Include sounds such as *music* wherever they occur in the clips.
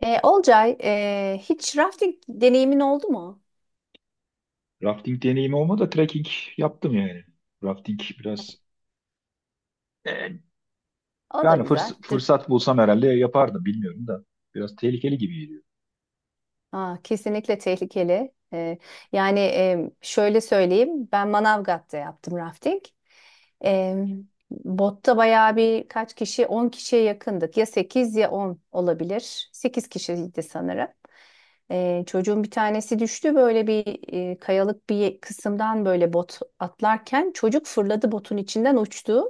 Olcay, hiç rafting deneyimin oldu mu? Rafting deneyimi olmadı da trekking yaptım yani. Rafting biraz e, O da yani güzeldir. fırsat bulsam herhalde yapardım bilmiyorum da. Biraz tehlikeli gibi geliyor. Aa, kesinlikle tehlikeli. Şöyle söyleyeyim, ben Manavgat'ta yaptım rafting. E, Botta bayağı bir kaç kişi, 10 kişiye yakındık. Ya 8 ya 10 olabilir. 8 kişiydi sanırım. Çocuğun bir tanesi düştü böyle bir kayalık bir kısımdan böyle bot atlarken çocuk fırladı botun içinden uçtu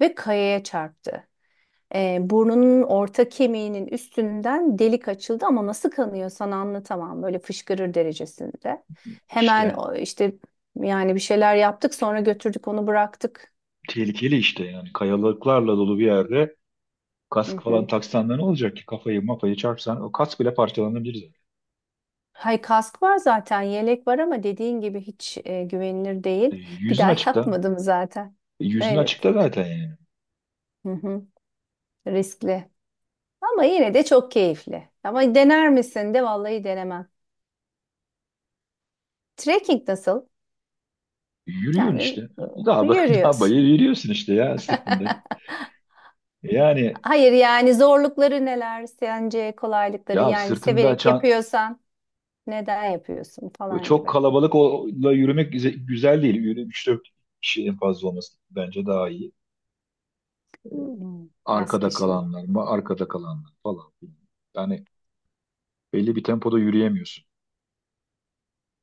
ve kayaya çarptı. Burnunun orta kemiğinin üstünden delik açıldı ama nasıl kanıyor sana anlatamam. Böyle fışkırır derecesinde. Hemen İşte işte yani bir şeyler yaptık sonra götürdük onu bıraktık. tehlikeli işte yani kayalıklarla dolu bir yerde Hı kask falan hı. taksan da ne olacak ki kafayı mafayı çarpsan o kask bile parçalanabilir zaten. Hay kask var zaten yelek var ama dediğin gibi hiç güvenilir değil. Bir Yüzün daha *laughs* açıkta. yapmadım zaten. Yüzün Evet. açıkta zaten yani. Hı hı. Riskli. Ama yine de çok keyifli. Ama dener misin de vallahi denemem. Trekking nasıl? Yürüyorsun Yani işte. Daha, *laughs* daha yürüyoruz. bayır yürüyorsun işte ya sırtında. *laughs* Yani Hayır yani zorlukları neler sence kolaylıkları ya yani sırtında severek çan, yapıyorsan neden yapıyorsun falan çok gibi. kalabalıkla yürümek güzel değil. Yürü üç dört kişi en fazla olması bence daha iyi. Hmm, az Arkada kişili. kalanlar mı? Arkada kalanlar falan filan. Yani belli bir tempoda yürüyemiyorsun.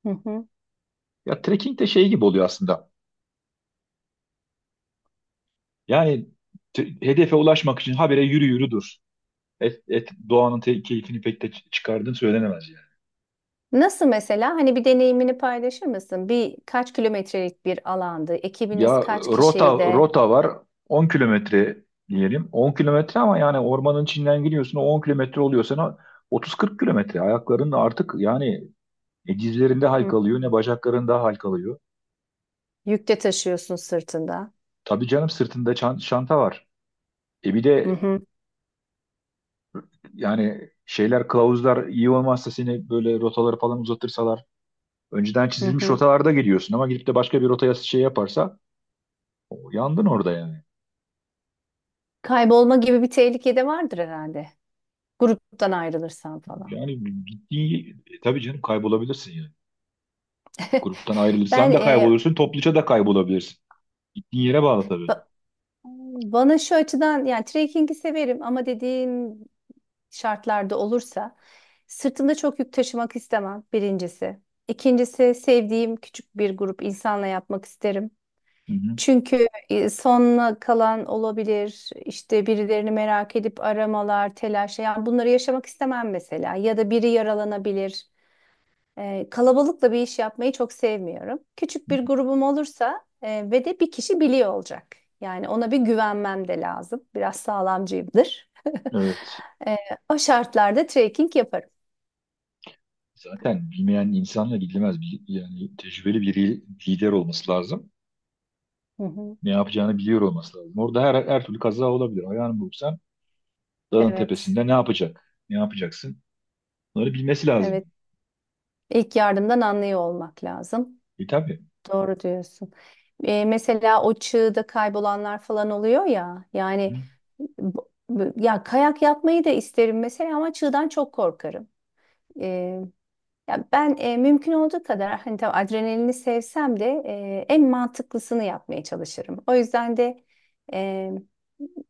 Hı hı. Ya trekking de şey gibi oluyor aslında. Yani hedefe ulaşmak için habire yürü yürü dur. Doğanın keyfini pek de çıkardığın söylenemez yani. Nasıl mesela hani bir deneyimini paylaşır mısın? Bir kaç kilometrelik bir alandı. Ya Ekibiniz kaç rota kişiydi de rota var, 10 km diyelim. 10 km ama yani ormanın içinden giriyorsun, o 10 km oluyor sana 30-40 kilometre, ayakların artık yani. Ne dizlerinde hı, halkalıyor ne bacaklarında halkalıyor. yükte taşıyorsun sırtında. Tabii canım, sırtında çanta var. E bir Hı de hı, yani şeyler, kılavuzlar iyi olmazsa, seni böyle rotaları falan uzatırsalar. Önceden hı çizilmiş hı. rotalarda gidiyorsun ama gidip de başka bir rotaya şey yaparsa, o, yandın orada yani. Kaybolma gibi bir tehlike de vardır herhalde. Gruptan ayrılırsan falan. Yani tabii canım, kaybolabilirsin yani. Gruptan *laughs* Ben ayrılırsan da e, kaybolursun, topluca da kaybolabilirsin. Gittiğin yere bağlı tabii. ba- Bana şu açıdan yani trekking'i severim ama dediğim şartlarda olursa sırtımda çok yük taşımak istemem birincisi. İkincisi sevdiğim küçük bir grup insanla yapmak isterim. Hı hı. Çünkü sonuna kalan olabilir, işte birilerini merak edip aramalar, telaş, yani bunları yaşamak istemem mesela. Ya da biri yaralanabilir. Kalabalıkla bir iş yapmayı çok sevmiyorum. Küçük bir grubum olursa ve de bir kişi biliyor olacak. Yani ona bir güvenmem de lazım. Biraz sağlamcıyımdır. Evet. E, O şartlarda trekking yaparım. Zaten bilmeyen insanla gidilmez. Yani tecrübeli bir lider olması lazım. Hı hı. Ne yapacağını biliyor olması lazım. Orada her, her türlü kaza olabilir. Ayağını burksan dağın Evet, tepesinde ne yapacak? Ne yapacaksın? Bunları bilmesi lazım. evet. İlk yardımdan anlıyor olmak lazım. Tabii. Doğru diyorsun. Mesela o çığda kaybolanlar falan oluyor ya. Hı. Yani ya kayak yapmayı da isterim mesela ama çığdan çok korkarım. E, Ya ben mümkün olduğu kadar hani tabii adrenalini sevsem de en mantıklısını yapmaya çalışırım. O yüzden de e,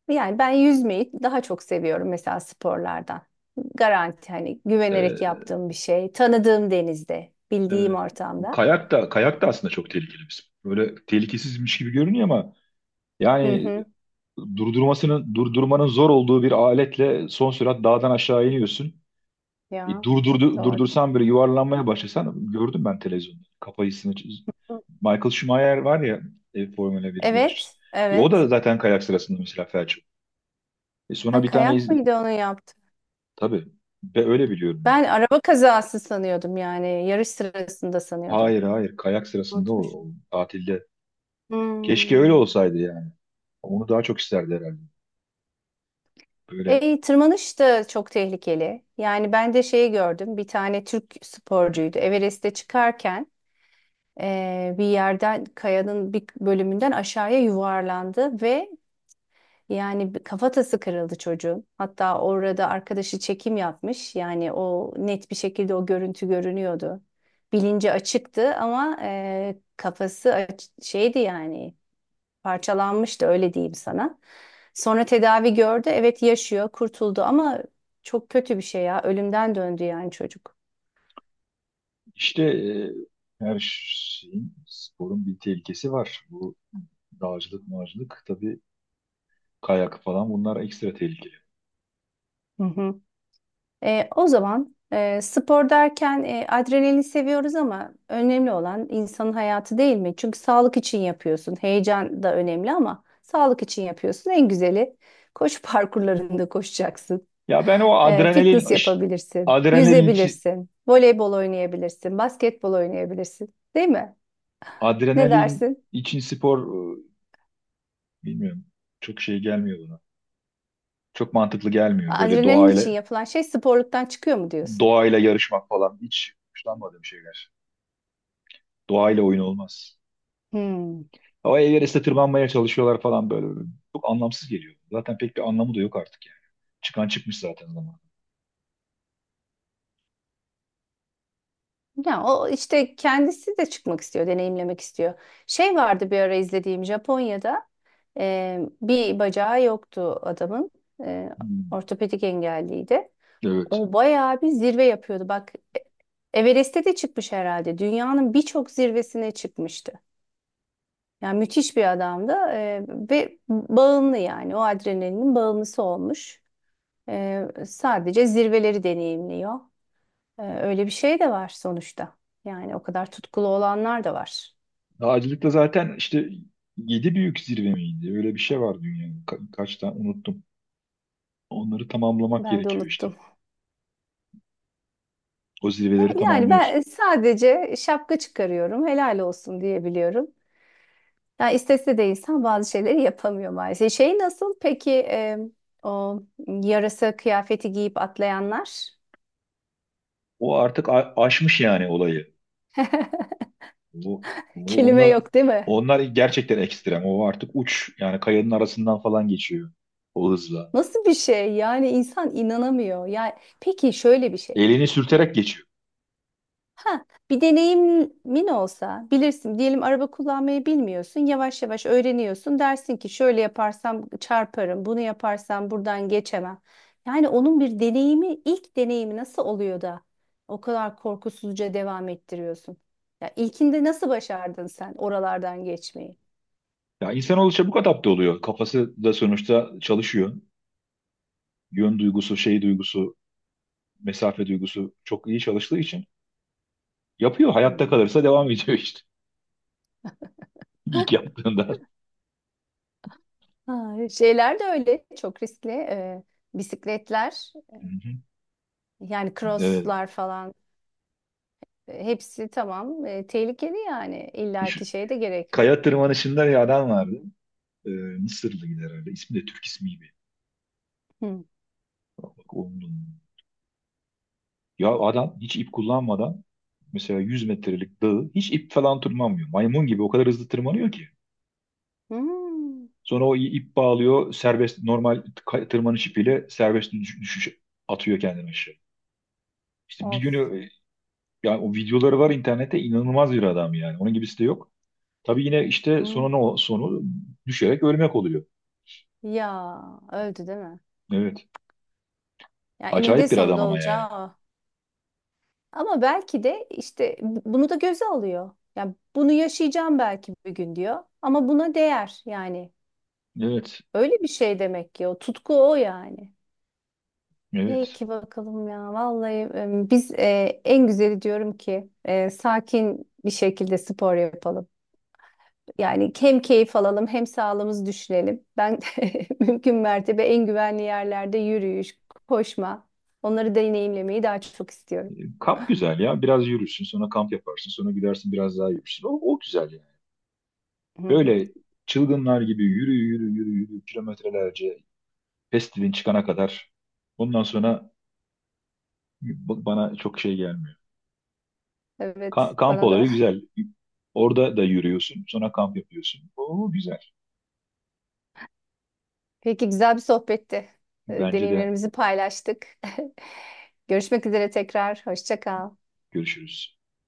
yani ben yüzmeyi daha çok seviyorum mesela sporlardan. Garanti hani Ee, güvenerek yaptığım bir şey, tanıdığım denizde, bildiğim evet. Bu ortamda. kayak da kayak da aslında çok tehlikeli bir spor. Böyle tehlikesizmiş gibi görünüyor ama Hı yani hı. durdurmasının durdurmanın zor olduğu bir aletle son sürat dağdan aşağı iniyorsun. Ya doğru. Durdursan böyle yuvarlanmaya başlasan, gördüm ben televizyonda. Michael Schumacher var ya, Formula 1 yarışçısı. Evet, O evet. da zaten kayak sırasında mesela felç. E, sonra Ha, bir tane kayak iz... mıydı onu yaptı? Tabii. Ve öyle biliyorum ben. Ben araba kazası sanıyordum yani yarış sırasında sanıyordum. Hayır hayır, kayak sırasında, Unutmuşum. o tatilde. Keşke öyle Hmm. olsaydı yani. Onu daha çok isterdi herhalde. Böyle E, tırmanış da çok tehlikeli. Yani ben de şeyi gördüm. Bir tane Türk sporcuydu. Everest'te çıkarken bir yerden kayanın bir bölümünden aşağıya yuvarlandı ve yani bir kafatası kırıldı çocuğun. Hatta orada arkadaşı çekim yapmış. Yani o net bir şekilde o görüntü görünüyordu. Bilinci açıktı ama kafası şeydi yani parçalanmıştı öyle diyeyim sana. Sonra tedavi gördü. Evet yaşıyor, kurtuldu ama çok kötü bir şey ya. Ölümden döndü yani çocuk. işte e, her şeyin, sporun bir tehlikesi var. Bu dağcılık mağcılık tabii, kayak falan, bunlar ekstra tehlikeli. Hı hı. O zaman spor derken adrenalin seviyoruz ama önemli olan insanın hayatı değil mi? Çünkü sağlık için yapıyorsun. Heyecan da önemli ama sağlık için yapıyorsun. En güzeli koşu *laughs* parkurlarında koşacaksın. Ya ben Fitness yapabilirsin, adrenalin için yüzebilirsin, voleybol oynayabilirsin, basketbol oynayabilirsin. Değil mi? Ne dersin? Spor e, bilmiyorum. Çok şey gelmiyor bana. Çok mantıklı gelmiyor. Böyle Adrenalin için yapılan şey sporluktan çıkıyor mu diyorsun? doğayla yarışmak falan hiç hoşlanmadığım şeyler. Doğayla oyun olmaz. Hmm. Ama Everest'e tırmanmaya çalışıyorlar falan böyle. Çok anlamsız geliyor. Zaten pek bir anlamı da yok artık yani. Çıkan çıkmış zaten zaman. Ya o işte kendisi de çıkmak istiyor, deneyimlemek istiyor. Şey vardı bir ara izlediğim Japonya'da bir bacağı yoktu adamın. E, Hmm, Ortopedik engelliydi. evet. O bayağı bir zirve yapıyordu. Bak, Everest'e de çıkmış herhalde. Dünyanın birçok zirvesine çıkmıştı. Yani müthiş bir adamdı ve bağımlı yani o adrenalinin bağımlısı olmuş. Sadece zirveleri deneyimliyor. Öyle bir şey de var sonuçta. Yani o kadar tutkulu olanlar da var. Dağcılıkta zaten işte yedi büyük zirve miydi? Öyle bir şey var dünyada. Kaç tane unuttum. Onları tamamlamak Ben de gerekiyor işte. unuttum. O zirveleri E, yani ben tamamlıyorsun. e, sadece şapka çıkarıyorum, helal olsun diyebiliyorum. Yani istese de insan bazı şeyleri yapamıyor maalesef. Şey nasıl? Peki o yarasa kıyafeti giyip atlayanlar? O artık aşmış yani olayı. Bu, *laughs* bu Kelime onlar, yok değil mi? onlar gerçekten ekstrem. O artık uç. Yani kayanın arasından falan geçiyor o hızla. Nasıl bir şey? Yani insan inanamıyor. Yani peki şöyle bir şey. Elini sürterek geçiyor. Ha, bir deneyimin olsa bilirsin diyelim araba kullanmayı bilmiyorsun yavaş yavaş öğreniyorsun dersin ki şöyle yaparsam çarparım bunu yaparsam buradan geçemem. Yani onun bir deneyimi ilk deneyimi nasıl oluyor da o kadar korkusuzca devam ettiriyorsun. Ya ilkinde nasıl başardın sen oralardan geçmeyi? Ya insanoğlu çabuk adapte oluyor. Kafası da sonuçta çalışıyor. Yön duygusu, şey duygusu, mesafe duygusu çok iyi çalıştığı için yapıyor. Hı Hayatta hı. kalırsa devam ediyor işte. *laughs* İlk yaptığında. Ha, şeyler de öyle çok riskli bisikletler Hı hı. yani Evet. crosslar falan. Hepsi tamam. Tehlikeli yani. Şu İllaki şey de gerekmiyor. kaya tırmanışında bir adam vardı. Mısırlı gider herhalde. İsmi de Türk ismi gibi. Hı. Bak, onun da, ya adam hiç ip kullanmadan mesela 100 metrelik dağı hiç ip falan tırmanmıyor. Maymun gibi o kadar hızlı tırmanıyor ki. Hmm. Sonra o ip bağlıyor, serbest normal tırmanış ipiyle serbest düşüş, atıyor kendini aşağı. İşte Of. Yani o videoları var internette, inanılmaz bir adam yani. Onun gibisi de yok. Tabii yine işte Hı. sonu ne, sonu düşerek ölmek oluyor. Ya öldü değil mi? Evet. Ya eninde Acayip bir adam sonunda ama yani. olacağı o. Ama belki de işte bunu da göze alıyor. Yani bunu yaşayacağım belki bir gün diyor. Ama buna değer yani. Evet. Öyle bir şey demek ki o tutku o yani. Evet. Peki bakalım ya. Vallahi biz en güzeli diyorum ki sakin bir şekilde spor yapalım. Yani hem keyif alalım hem sağlığımızı düşünelim. Ben *laughs* mümkün mertebe en güvenli yerlerde yürüyüş, koşma, onları deneyimlemeyi daha çok istiyorum. Kamp güzel ya. Biraz yürürsün, sonra kamp yaparsın, sonra gidersin biraz daha yürürsün. O, o güzel yani. Hı hı. Böyle çılgınlar gibi yürü yürü yürü yürü kilometrelerce, festivalin çıkana kadar. Ondan sonra bana çok şey gelmiyor. Evet, Kamp bana da. olayı güzel. Orada da yürüyorsun. Sonra kamp yapıyorsun. Oo güzel. Peki güzel bir sohbetti. Bence de. Deneyimlerimizi paylaştık. *laughs* Görüşmek üzere tekrar. Hoşça kal. Görüşürüz.